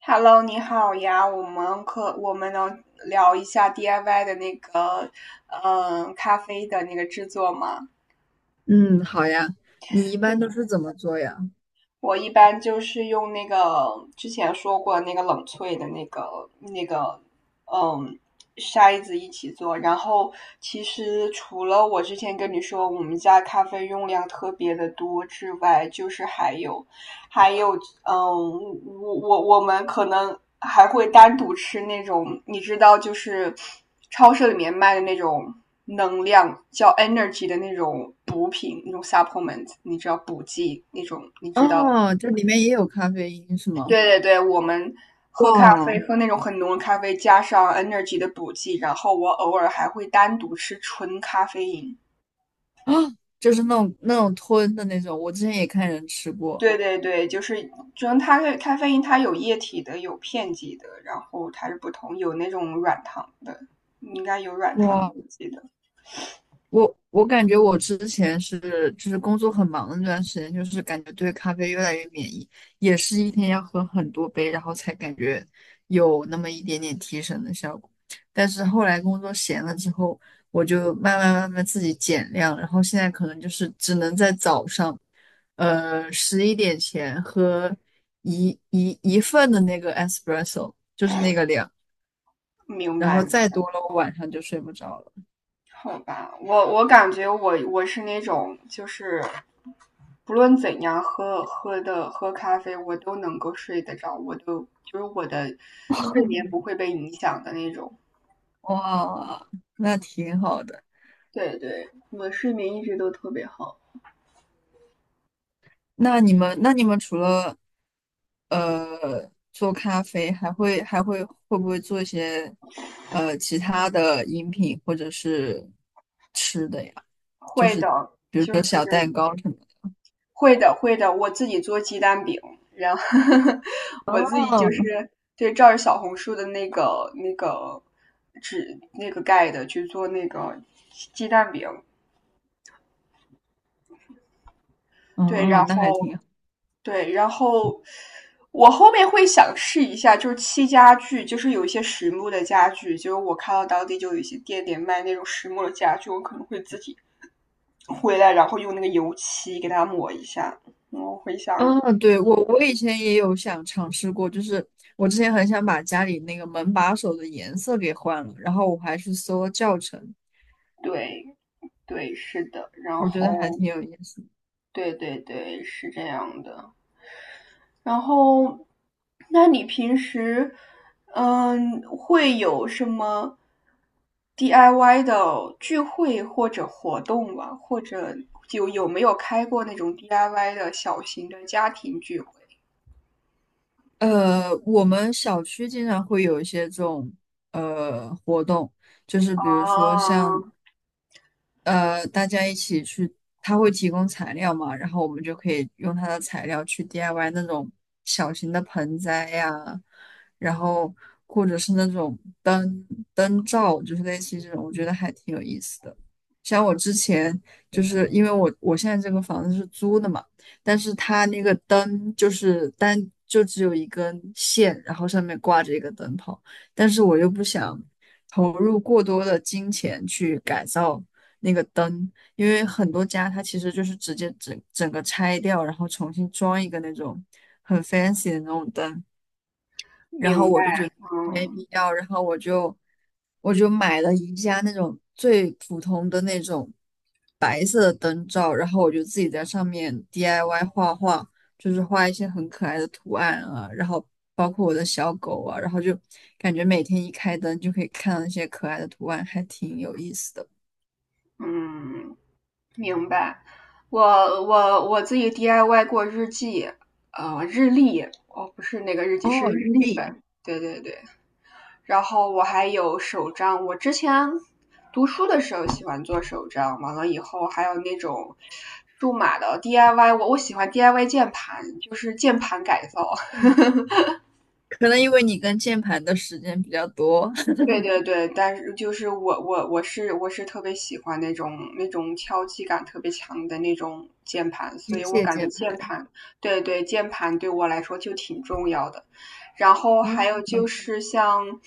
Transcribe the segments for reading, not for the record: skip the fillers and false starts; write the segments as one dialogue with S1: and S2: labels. S1: Hello,你好呀，我们能聊一下 DIY 的那个，咖啡的那个制作吗？
S2: 嗯，好呀。你一
S1: 就
S2: 般都
S1: 是
S2: 是怎么做呀？
S1: 我一般就是用那个之前说过那个冷萃的那个，嗯，筛子一起做。然后其实除了我之前跟你说我们家咖啡用量特别的多之外，就是还有呃我们可能还会单独吃那种，你知道，就是超市里面卖的那种能量叫 energy 的那种补品，那种 supplement,你知道补剂那种，你知道？
S2: 哦，这里面也有咖啡因是吗？
S1: 对对对，我们喝咖
S2: 哇，
S1: 啡喝那种很浓的咖啡，加上 energy 的补剂，然后我偶尔还会单独吃纯咖啡因。
S2: 啊，就是那种吞的那种，我之前也看人吃过。
S1: 对对对，就是它的咖啡因，它有液体的，有片剂的，然后它是不同，有那种软糖的，应该有软糖的，
S2: 哇。
S1: 我记得。
S2: 我感觉我之前是就是工作很忙的那段时间，就是感觉对咖啡越来越免疫，也是一天要喝很多杯，然后才感觉有那么一点点提神的效果。但是后来工作闲了之后，我就慢慢慢慢自己减量，然后现在可能就是只能在早上，11点前喝一份的那个 espresso，就是那个量，
S1: 明
S2: 然
S1: 白
S2: 后
S1: 明
S2: 再
S1: 白，
S2: 多了我晚上就睡不着了。
S1: 好吧，我感觉我是那种就是不论怎样喝咖啡，我都能够睡得着，我都就是我的睡眠不会被影响的那种。
S2: 哇，那挺好的。
S1: 对对，我睡眠一直都特别好。
S2: 那你们除了做咖啡，还会还会会不会做一些其他的饮品或者是吃的呀？就
S1: 会
S2: 是
S1: 的，
S2: 比如
S1: 就
S2: 说
S1: 是
S2: 小蛋糕什么的。
S1: 会的我自己做鸡蛋饼，然后 我自己就
S2: 哦，
S1: 是对照着小红书的那个纸那个盖的去做那个鸡蛋饼，
S2: 哦
S1: 对，然
S2: 哦，那还
S1: 后
S2: 挺好。
S1: 对，然后我后面会想试一下，就是漆家具，就是有一些实木的家具，就是我看到当地就有一些店里卖那种实木的家具，我可能会自己回来，然后用那个油漆给它抹一下，我会想
S2: 啊，对，我以前也有想尝试过，就是我之前很想把家里那个门把手的颜色给换了，然后我还去搜了教程，
S1: 对对，是的，然
S2: 我觉得还
S1: 后
S2: 挺有意思的。
S1: 对对对，是这样的。然后，那你平时嗯会有什么 DIY 的聚会或者活动吗？或者就有没有开过那种 DIY 的小型的家庭聚会？
S2: 我们小区经常会有一些这种活动，就是
S1: 啊，
S2: 比如说像大家一起去，他会提供材料嘛，然后我们就可以用他的材料去 DIY 那种小型的盆栽呀，然后或者是那种灯罩，就是类似于这种，我觉得还挺有意思的。像我之前就是因为我现在这个房子是租的嘛，但是它那个灯就是就只有一根线，然后上面挂着一个灯泡，但是我又不想投入过多的金钱去改造那个灯，因为很多家它其实就是直接整个拆掉，然后重新装一个那种很 fancy 的那种灯，然后
S1: 明白，
S2: 我就觉得没
S1: 嗯
S2: 必要，然后我就买了一家那种最普通的那种白色的灯罩，然后我就自己在上面 DIY 画画，就是画一些很可爱的图案啊，然后包括我的小狗啊，然后就感觉每天一开灯就可以看到那些可爱的图案，还挺有意思的。
S1: 嗯。明白，我我自己 DIY 过日记，日历，哦，不是那个日记，是
S2: 哦，
S1: 日
S2: 日
S1: 历
S2: 历，
S1: 本，对对对。然后我还有手账，我之前读书的时候喜欢做手账，完了以后还有那种数码的 DIY,我喜欢 DIY 键盘，就是键盘改造，
S2: 嗯，可能因为你跟键盘的时间比较多，
S1: 对对对，但是就是我是特别喜欢那种敲击感特别强的那种键盘，
S2: 机
S1: 所以我
S2: 械
S1: 感觉
S2: 键
S1: 键
S2: 盘。
S1: 盘，对对，键盘对我来说就挺重要的。然后还有
S2: 嗯。
S1: 就是像，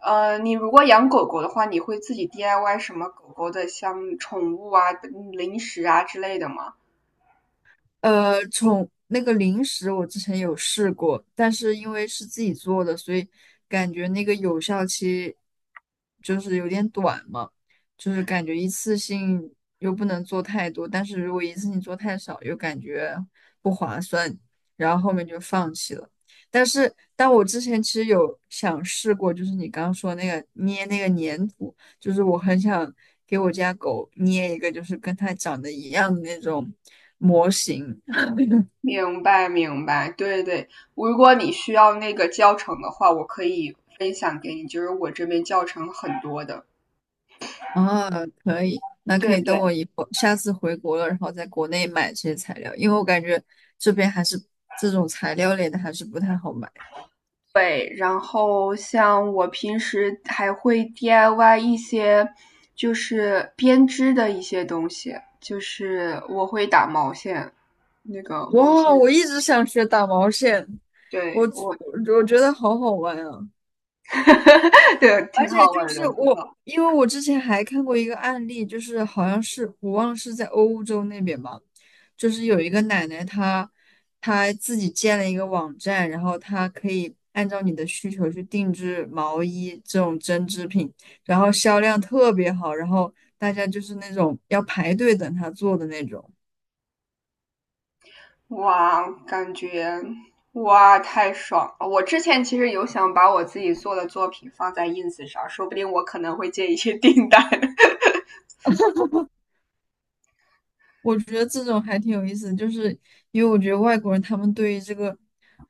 S1: 呃，你如果养狗狗的话，你会自己 DIY 什么狗狗的像宠物啊、嗯零食啊之类的吗？
S2: 从那个零食我之前有试过，但是因为是自己做的，所以感觉那个有效期就是有点短嘛，就是感觉一次性又不能做太多，但是如果一次性做太少，又感觉不划算，然后后面就放弃了。但我之前其实有想试过，就是你刚刚说那个捏那个粘土。就是我很想给我家狗捏一个，就是跟它长得一样的那种模型
S1: 明白明白，对对，如果你需要那个教程的话，我可以分享给你，就是我这边教程很多的。
S2: 啊，可以，那可
S1: 对
S2: 以等我
S1: 对
S2: 以后下次回国了，然后在国内买这些材料，因为我感觉这边还是这种材料类的还是不太好买。
S1: 对，然后像我平时还会 DIY 一些就是编织的一些东西，就是我会打毛线，那个毛
S2: 哇，我
S1: 线，
S2: 一直想学打毛线，我
S1: 对我，
S2: 我觉得好好玩啊！
S1: 对，
S2: 而
S1: 挺
S2: 且
S1: 好
S2: 就
S1: 玩儿的。
S2: 是我，因为我之前还看过一个案例，就是好像是我忘了是在欧洲那边吧，就是有一个奶奶她自己建了一个网站，然后她可以按照你的需求去定制毛衣这种针织品，然后销量特别好，然后大家就是那种要排队等她做的那种。
S1: 哇，感觉哇太爽了！我之前其实有想把我自己做的作品放在 ins 上，说不定我可能会接一些订单。
S2: 我觉得这种还挺有意思的就是因为我觉得外国人他们对于这个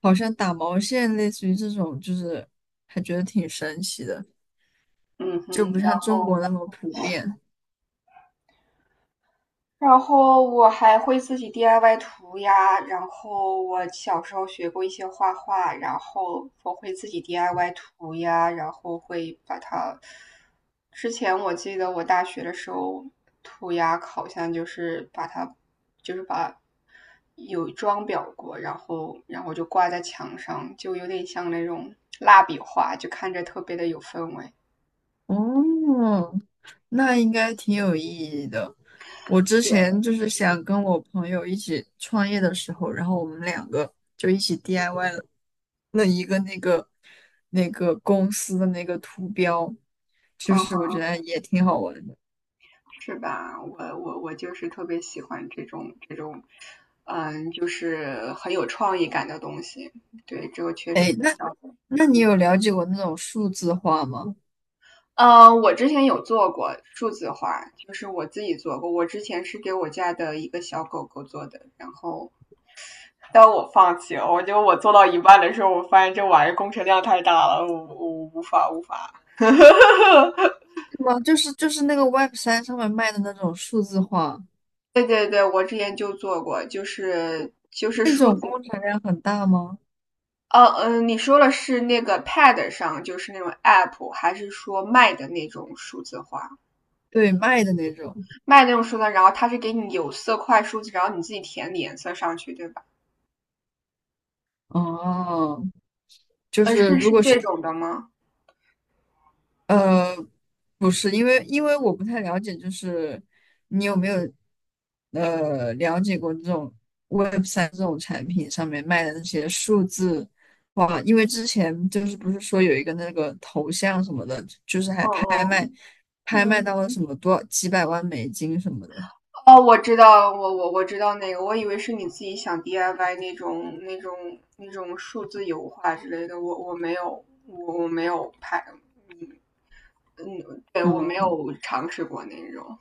S2: 好像打毛线，类似于这种，就是还觉得挺神奇的，
S1: 嗯哼，
S2: 就不
S1: 然
S2: 像中
S1: 后
S2: 国那么普遍。
S1: 然后我还会自己 DIY 涂鸦，然后我小时候学过一些画画，然后我会自己 DIY 涂鸦，然后会把它。之前我记得我大学的时候涂鸦好像就是把它，就是把有装裱过，然后就挂在墙上，就有点像那种蜡笔画，就看着特别的有氛围。
S2: 哦，那应该挺有意义的。我之前
S1: 对，
S2: 就是想跟我朋友一起创业的时候，然后我们两个就一起 DIY 了一个那个公司的那个图标，就
S1: 嗯
S2: 是我觉
S1: 哼，
S2: 得也挺好玩的。
S1: 是吧？我就是特别喜欢这种就是很有创意感的东西。对，这个确实比较。
S2: 那你
S1: 嗯，
S2: 有了解过那种数字化吗？
S1: 我之前有做过数字化，就是我自己做过。我之前是给我家的一个小狗狗做的，然后但我放弃了。我觉得我做到一半的时候，我发现这玩意儿工程量太大了，我无法。
S2: 是吗？就是那个 Web3上面卖的那种数字化，
S1: 对对对，我之前就做过，就是
S2: 那
S1: 数
S2: 种
S1: 字
S2: 工程量很大吗？
S1: 哦，嗯，你说的是那个 Pad 上，就是那种 App,还是说卖的那种数字化？
S2: 对，卖的那种。
S1: 卖那种数字化然后它是给你有色块数字，然后你自己填你颜色上去，对吧？
S2: 哦，就是
S1: 是
S2: 如
S1: 是
S2: 果是
S1: 这种的吗？
S2: 呃，不是，因为我不太了解，就是你有没有了解过这种 Web3这种产品上面卖的那些数字哇？因为之前就是不是说有一个那个头像什么的，就是
S1: 哦
S2: 还拍
S1: 哦，
S2: 卖，拍卖到了
S1: 嗯，
S2: 什么多几百万美金什么的，
S1: 哦，我知道，我知道那个，我以为是你自己想 DIY 那种数字油画之类的，我没有，我没有拍，嗯，对，我没
S2: 嗯。
S1: 有尝试过那种。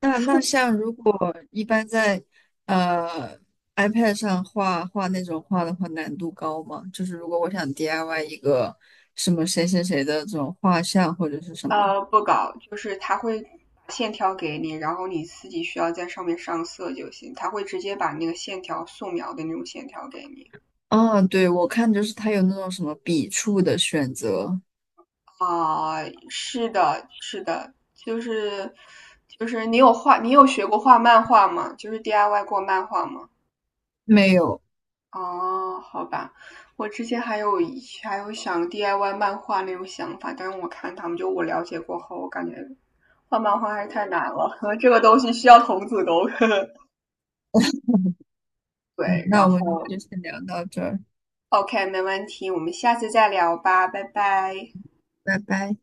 S2: 那
S1: 数
S2: 像如果一般在呃 iPad 上画画那种画的话，难度高吗？就是如果我想 DIY 一个什么谁谁谁的这种画像或者是什么，
S1: 不搞，就是他会把线条给你，然后你自己需要在上面上色就行。他会直接把那个线条素描的那种线条给你。
S2: 啊，对，我看就是它有那种什么笔触的选择，
S1: 啊、是的，是的，就是你有画，你有学过画漫画吗？就是 DIY 过漫画吗？
S2: 没有。
S1: 哦，好吧，我之前还有想 DIY 漫画那种想法，但是我看他们就我了解过后，我感觉画漫画还是太难了，这个东西需要童子功。
S2: 嗯，
S1: 对，
S2: 那
S1: 然
S2: 我们
S1: 后
S2: 就先聊到这儿，
S1: OK,没问题，我们下次再聊吧，拜拜。
S2: 拜拜。